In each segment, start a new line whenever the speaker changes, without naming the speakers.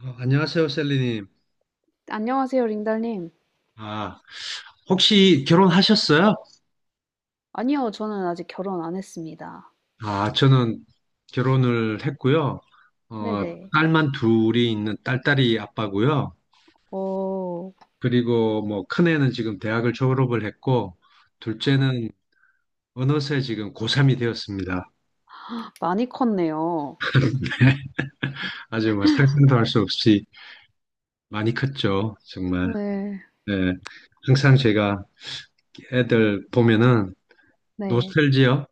안녕하세요, 셀리님.
안녕하세요, 링달님.
아, 혹시 결혼하셨어요?
아니요, 저는 아직 결혼 안 했습니다.
저는 결혼을 했고요. 어,
네네.
딸만 둘이 있는 딸딸이 아빠고요.
어,
그리고 뭐 큰애는 지금 대학을 졸업을 했고, 둘째는 어느새 지금 고3이 되었습니다.
많이 컸네요.
아주 뭐 상상도 할 수 없이 많이 컸죠, 정말.
네,
네. 항상 제가 애들 보면은
네,
노스텔지요.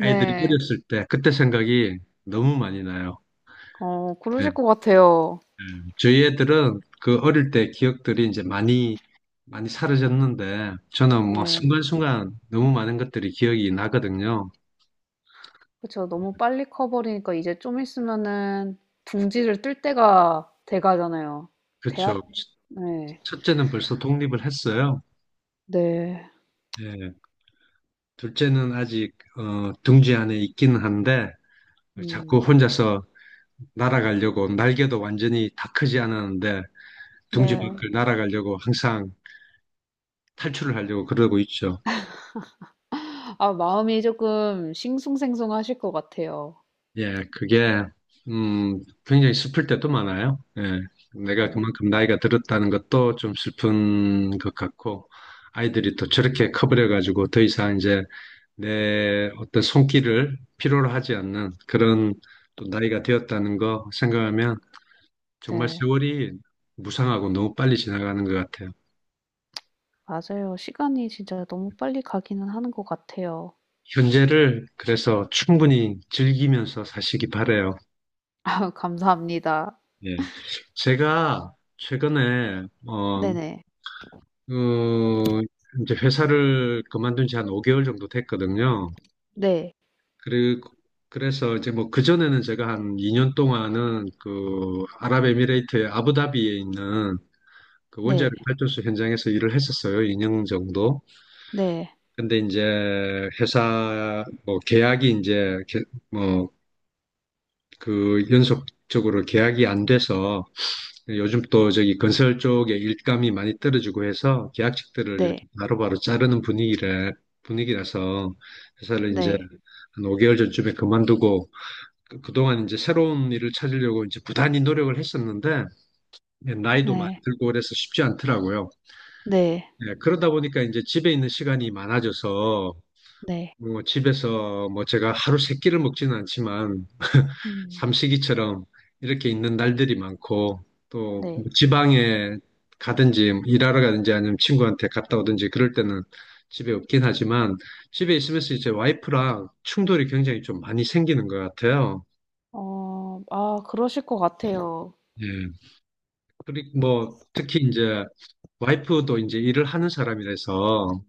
애들이 어렸을 때 그때 생각이 너무 많이 나요. 예.
그러실 것 같아요.
저희 애들은 그 어릴 때 기억들이 이제 많이, 많이 사라졌는데, 저는 뭐
네.
순간순간 너무 많은 것들이 기억이 나거든요.
그쵸. 너무 빨리 커버리니까 이제 좀 있으면은 둥지를 뜰 때가 돼 가잖아요.
그쵸.
대학? 네,
첫째는 벌써 독립을 했어요.
네.
예. 둘째는 아직, 둥지 안에 있기는 한데, 자꾸
음,
혼자서 날아가려고, 날개도 완전히 다 크지 않았는데, 둥지
네.
밖을 날아가려고 항상 탈출을 하려고 그러고 있죠.
아, 마음이 조금 싱숭생숭하실 것 같아요.
예, 그게, 음, 굉장히 슬플 때도 많아요. 예, 내가
네,
그만큼 나이가 들었다는 것도 좀 슬픈 것 같고, 아이들이 또 저렇게 커버려가지고 더 이상 이제 내 어떤 손길을 필요로 하지 않는 그런 또 나이가 되었다는 거 생각하면 정말
네.
세월이 무상하고 너무 빨리 지나가는 것 같아요.
맞아요. 시간이 진짜 너무 빨리 가기는 하는 것 같아요.
현재를 그래서 충분히 즐기면서 사시기 바래요.
감사합니다.
예. 제가 최근에
네네.
어, 이제 회사를 그만둔 지 한 5개월 정도 됐거든요.
네.
그리고 그래서 이제 뭐 그전에는 제가 한 2년 동안은 그 아랍에미레이트의 아부다비에 있는 그 원자력
네.
발전소 현장에서 일을 했었어요. 2년 정도.
네.
근데 이제 회사 뭐 계약이 이제 뭐 그 연속적으로 계약이 안 돼서 요즘 또 저기 건설 쪽에 일감이 많이 떨어지고 해서 계약직들을
네.
이렇게 바로바로 자르는 분위기를 분위기라서 회사를 이제
네.
한 5개월 전쯤에 그만두고 그동안 이제 새로운 일을 찾으려고 이제 부단히 노력을 했었는데 예, 나이도 많이
네.
들고 그래서 쉽지 않더라고요.
네.
예, 그러다 보니까 이제 집에 있는 시간이 많아져서
네.
뭐 집에서 뭐 제가 하루 세 끼를 먹지는 않지만
음
삼식이처럼 이렇게 있는 날들이 많고 또뭐
네.
지방에 가든지 일하러 가든지 아니면 친구한테 갔다 오든지 그럴 때는 집에 없긴 하지만 집에 있으면서 이제 와이프랑 충돌이 굉장히 좀 많이 생기는 것 같아요.
그러실 것 같아요.
예. 그리고 뭐 특히 이제 와이프도 이제 일을 하는 사람이라서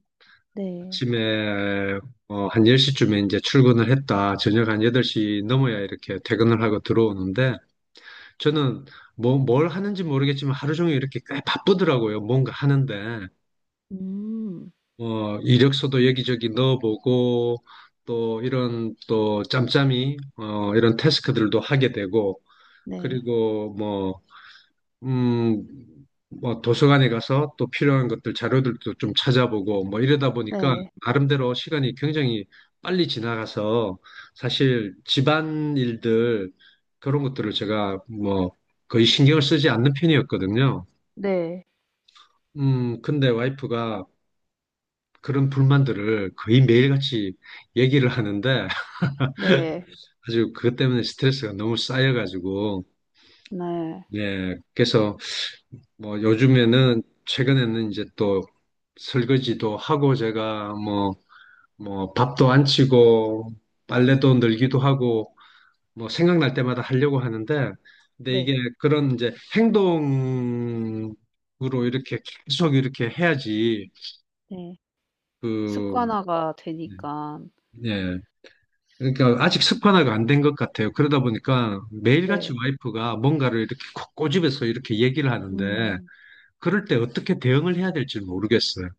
네.
아침에 한 10시쯤에 이제 출근을 했다, 저녁 한 8시 넘어야 이렇게 퇴근을 하고 들어오는데 저는 뭐, 뭘 하는지 모르겠지만 하루 종일 이렇게 꽤 바쁘더라고요. 뭔가 하는데
음.
이력서도 여기저기 넣어보고 또 이런 또 짬짬이 이런 태스크들도 하게 되고
네.
그리고 뭐 음, 뭐 도서관에 가서 또 필요한 것들 자료들도 좀 찾아보고 뭐 이러다 보니까
네.
나름대로 시간이 굉장히 빨리 지나가서 사실 집안 일들 그런 것들을 제가 뭐 거의 신경을 쓰지 않는 편이었거든요.
네.
근데 와이프가 그런 불만들을 거의 매일같이 얘기를 하는데
네.
아주 그것 때문에 스트레스가 너무 쌓여가지고
네.
예, 그래서 뭐 요즘에는 최근에는 이제 또 설거지도 하고 제가 뭐 뭐 밥도 안 치고 빨래도 늘기도 하고 뭐 생각날 때마다 하려고 하는데 근데 이게
네.
그런 이제 행동으로 이렇게 계속 이렇게 해야지
네.
그
습관화가 되니까
예. 그러니까 아직 습관화가 안 된 것 같아요. 그러다 보니까 매일같이
네.
와이프가 뭔가를 이렇게 꼬집어서 이렇게 얘기를 하는데
음.
그럴 때 어떻게 대응을 해야 될지 모르겠어요.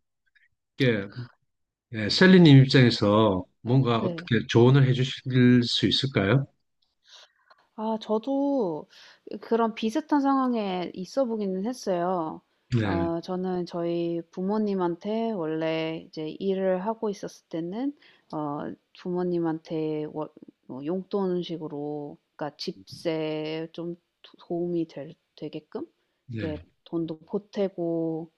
네, 셀리님 입장에서 뭔가
네.
어떻게 조언을 해주실 수 있을까요?
아, 저도 그런 비슷한 상황에 있어 보기는 했어요.
네,
저는 저희 부모님한테 원래 이제 일을 하고 있었을 때는, 어, 부모님한테 뭐 용돈식으로, 그러니까 집세 좀 도움이 되게끔,
네,
이렇게 돈도 보태고,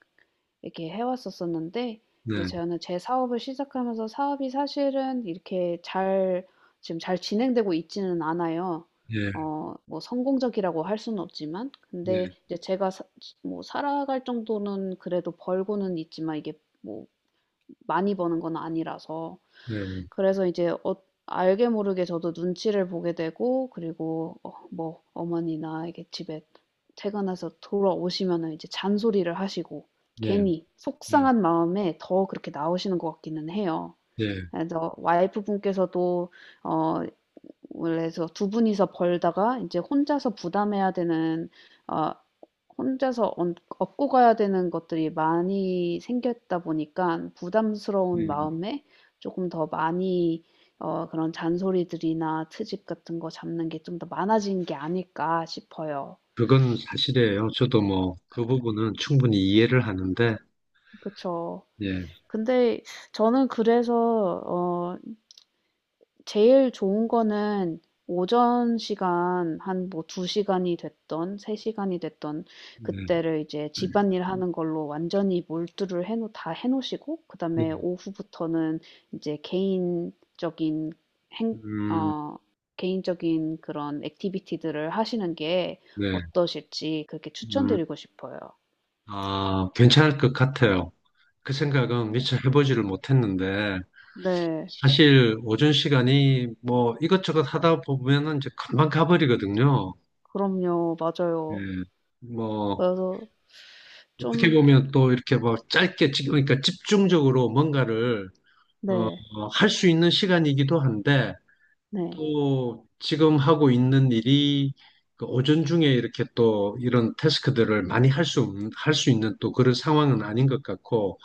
이렇게 해왔었었는데 이제
네,
저는 제 사업을 시작하면서 사업이 사실은 이렇게 잘 지금 잘 진행되고 있지는 않아요.
네,
뭐 성공적이라고 할 수는 없지만 근데
네,
이제 뭐 살아갈 정도는 그래도 벌고는 있지만 이게 뭐 많이 버는 건 아니라서
네,
그래서 이제 알게 모르게 저도 눈치를 보게 되고 그리고 뭐 어머니나 이게 집에 퇴근해서 돌아오시면은 이제 잔소리를 하시고
네,
괜히
네,
속상한 마음에 더 그렇게 나오시는 것 같기는 해요.
네.
그래서 와이프 분께서도 어 원래서 두 분이서 벌다가 이제 혼자서 부담해야 되는 어, 혼자서 얻 업고 가야 되는 것들이 많이 생겼다 보니까 부담스러운
음,
마음에 조금 더 많이 그런 잔소리들이나 트집 같은 거 잡는 게 좀 더 많아진 게 아닐까 싶어요.
그건 사실이에요. 저도 뭐 그 부분은 충분히 이해를 하는데,
그쵸.
네,
근데 저는 그래서, 어, 제일 좋은 거는 오전 시간 한 뭐 2시간이 됐던 3시간이 됐던
네,
그때를 이제 집안일 하는 걸로 완전히 다 해놓으시고
네,
그다음에 오후부터는 이제 개인적인 행,
음,
어, 개인적인 그런 액티비티들을 하시는 게
네,
어떠실지 그렇게
음,
추천드리고 싶어요.
아, 괜찮을 것 같아요. 그 생각은
네.
미처 해보지를 못했는데,
네.
사실 오전 시간이 뭐 이것저것 하다 보면은 이제 금방 가버리거든요.
그럼요.
예.
맞아요.
뭐
그래서
어떻게
좀,
보면 또 이렇게 뭐 짧게, 그러니까 집중적으로 뭔가를 어,
네.
할수 있는 시간이기도 한데,
네.
또 지금 하고 있는 일이 그 오전 중에 이렇게 또 이런 태스크들을 많이 할 수 있는 또 그런 상황은 아닌 것 같고,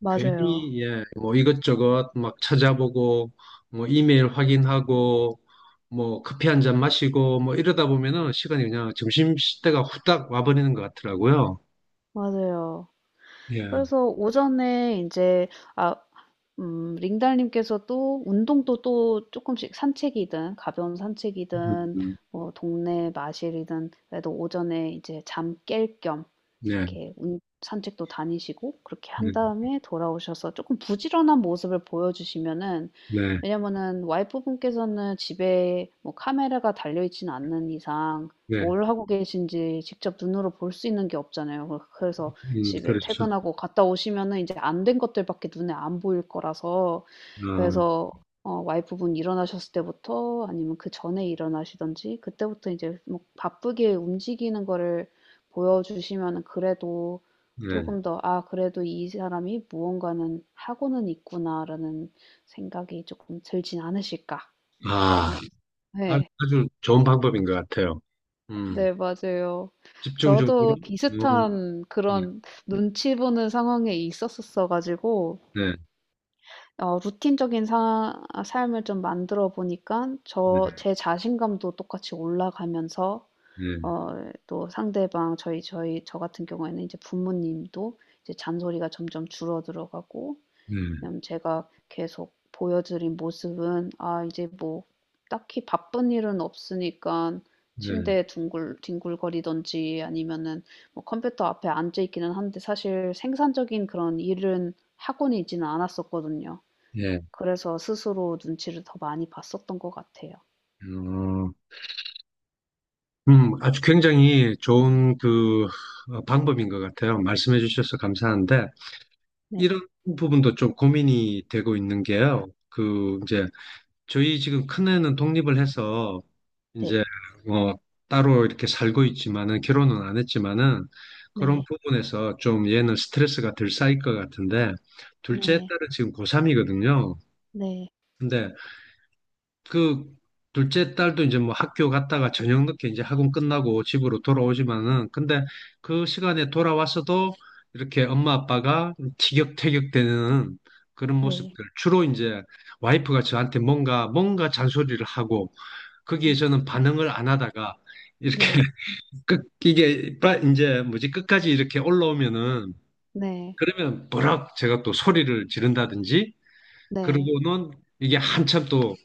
맞아요.
괜히, 예, 뭐 이것저것 막 찾아보고, 뭐 이메일 확인하고, 뭐 커피 한잔 마시고, 뭐 이러다 보면은 시간이 그냥 점심시대가 후딱 와버리는 것 같더라고요.
맞아요.
예.
그래서 오전에 이제 아 링달님께서 또 운동도 또 조금씩 산책이든 가벼운 산책이든
음.
뭐 동네 마실이든 그래도 오전에 이제 잠깰겸
네.
이렇게 운 산책도 다니시고 그렇게 한
네,
다음에 돌아오셔서 조금 부지런한 모습을 보여주시면은
네,
왜냐면은 와이프분께서는 집에 뭐 카메라가 달려있지는 않는 이상
네,
뭘 하고 계신지 직접 눈으로 볼 수 있는 게 없잖아요. 그래서 집에
그렇죠.
퇴근하고 갔다 오시면은 이제 안 된 것들밖에 눈에 안 보일 거라서
어,
그래서 와이프분 일어나셨을 때부터 아니면 그전에 일어나시든지 그때부터 이제 뭐 바쁘게 움직이는 거를 보여주시면 그래도 조
네.
금 더 '아 그래도 이 사람이 무언가는 하고는 있구나.'라는 생각이 조금 들진 않으실까.
아,
그러면
아,
네.
아주 좋은 방법인 것 같아요. 음,
네 맞아요.
집중적으로,
저도
어,
비슷한
네,
그런 눈치 보는 상황에 있었었어 가지고
네,
루틴적인 사 삶을 좀 만들어 보니까
네,
제 자신감도 똑같이 올라가면서
네,
또 상대방 저희 저희 저 같은 경우에는 이제 부모님도 이제 잔소리가 점점 줄어들어 가고
네,
왜냐면 제가 계속 보여드린 모습은 아 이제 뭐 딱히 바쁜 일은 없으니깐
네,
침대에 둥글 뒹굴거리든지 아니면은 뭐 컴퓨터 앞에 앉아 있기는 한데 사실 생산적인 그런 일은 하고는 있지는 않았었거든요.
네.
그래서 스스로 눈치를 더 많이 봤었던 것 같아요.
어, 아주 굉장히 좋은 그 방법인 것 같아요. 말씀해 주셔서 감사한데,
네.
이런 부분도 좀 고민이 되고 있는 게요. 그, 이제, 저희 지금 큰애는 독립을 해서 이제
네.
뭐 따로 이렇게 살고 있지만은 결혼은 안 했지만은 그런
네.
부분에서 좀 얘는 스트레스가 덜 쌓일 것 같은데 둘째
네.
딸은 지금 고3이거든요.
네.
근데 그 둘째 딸도 이제 뭐 학교 갔다가 저녁 늦게 이제 학원 끝나고 집으로 돌아오지만은 근데 그 시간에 돌아왔어도 이렇게 엄마 아빠가 티격태격 되는 그런
네.
모습들 주로 이제 와이프가 저한테 뭔가 잔소리를 하고 거기에
네.
저는 반응을 안 하다가 이렇게
네.
끝 이게 이제 뭐지 끝까지 이렇게 올라오면은
네.
그러면 버럭 제가 또 소리를 지른다든지
네.
그러고는 이게 한참 또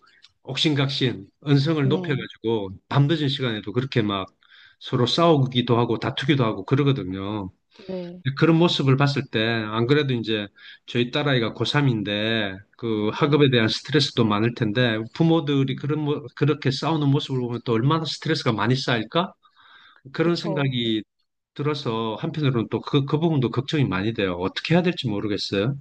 옥신각신 언성을
네.
높여가지고 밤늦은 시간에도 그렇게 막 서로 싸우기도 하고 다투기도 하고 그러거든요.
네.
그런 모습을 봤을 때, 안 그래도 이제 저희 딸아이가 고3인데, 그
네.
학업에 대한 스트레스도 많을 텐데, 부모들이
음.
그런, 그렇게 싸우는 모습을 보면 또 얼마나 스트레스가 많이 쌓일까? 그런
그쵸.
생각이 들어서 한편으로는 또 그 부분도 걱정이 많이 돼요. 어떻게 해야 될지 모르겠어요.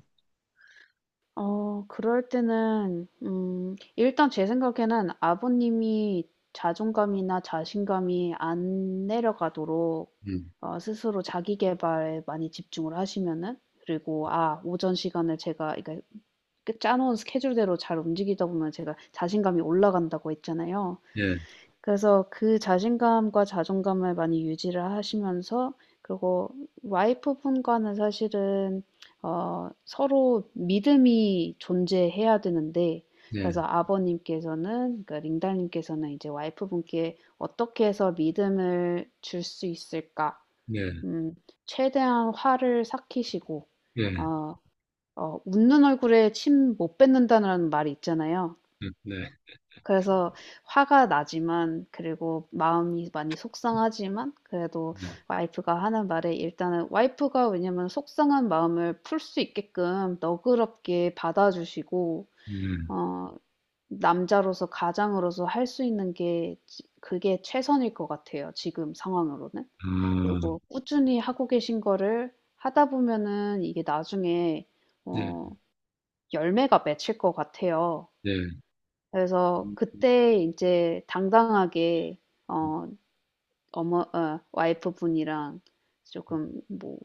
그럴 때는 일단 제 생각에는 아버님이 자존감이나 자신감이 안 내려가도록
음,
스스로 자기 계발에 많이 집중을 하시면은 그리고 아 오전 시간을 제가 그러니까 그 짜 놓은 스케줄대로 잘 움직이다 보면 제가 자신감이 올라간다고 했잖아요.
예,
그래서 그 자신감과 자존감을 많이 유지를 하시면서 그리고 와이프분과는 사실은 서로 믿음이 존재해야 되는데
예,
그래서 아버님께서는 그러니까 링달님께서는 이제 와이프분께 어떻게 해서 믿음을 줄 수 있을까?
예,
음, 최대한 화를 삭히시고
예,
어, 웃는 얼굴에 침 못 뱉는다는 말이 있잖아요.
예, 네,
그래서 화가 나지만 그리고 마음이 많이 속상하지만 그래도
네,
와이프가 하는 말에 일단은 와이프가 왜냐면 속상한 마음을 풀 수 있게끔 너그럽게 받아주시고
네,
어 남자로서 가장으로서 할 수 있는 게 지 그게 최선일 것 같아요 지금 상황으로는.
아,
그리고 꾸준히 하고 계신 거를 하다 보면은 이게 나중에
네,
어 열매가 맺힐 것 같아요.
네,
그래서
음,
그때 이제 당당하게
음,
어 어머 어 와이프분이랑 조금 뭐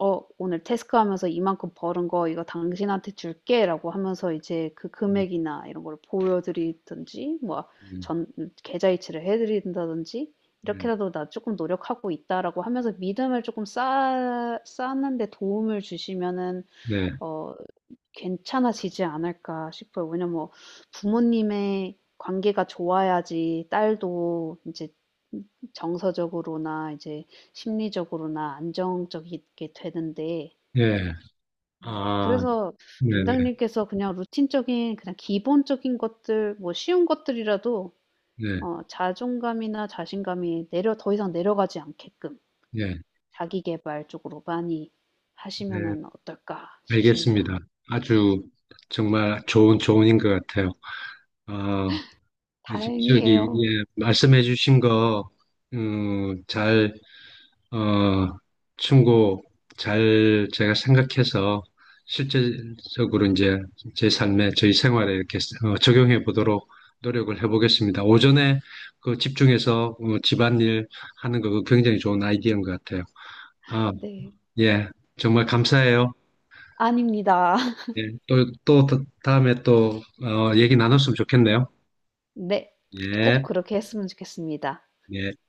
"어 오늘 테스크하면서 이만큼 벌은 거 이거 당신한테 줄게."라고 하면서 이제 그 금액이나 이런 걸 보여드리든지 뭐
음,
전 계좌이체를 해 드린다든지
음,
"이렇게라도 나 조금 노력하고 있다."라고 하면서 믿음을 조금 쌓 쌓는 데 도움을 주시면은
네,
어 괜찮아지지 않을까 싶어요. 왜냐면 뭐 부모님의 관계가 좋아야지 딸도 이제 정서적으로나 이제 심리적으로나 안정적이게 되는데
예,
네.
아,
그래서
네, 네,
링당님께서 그냥 루틴적인 그냥 기본적인 것들 뭐 쉬운 것들이라도
네,
자존감이나 자신감이 내려 더 이상 내려가지 않게끔
네.
자기 계발 쪽으로 많이
네,
하시면은 어떨까 싶습니다.
알겠습니다. 아주 정말 좋은 조언인 것 같아요. 어, 이제 저기
다행이에요.
예, 말씀해주신 거 잘 어, 충고 잘 제가 생각해서 실제적으로 이제 제 삶에 저희 생활에 이렇게 적용해 보도록 노력을 해보겠습니다. 오전에 그 집중해서 집안일 하는 거 그거 굉장히 좋은 아이디어인 것 같아요. 아,
네.
예, 정말 감사해요.
아닙니다.
예, 또, 또, 에 또, 얘기 나눴으면 좋겠네요.
네.
예,
꼭 그렇게 했으면 좋겠습니다.
예.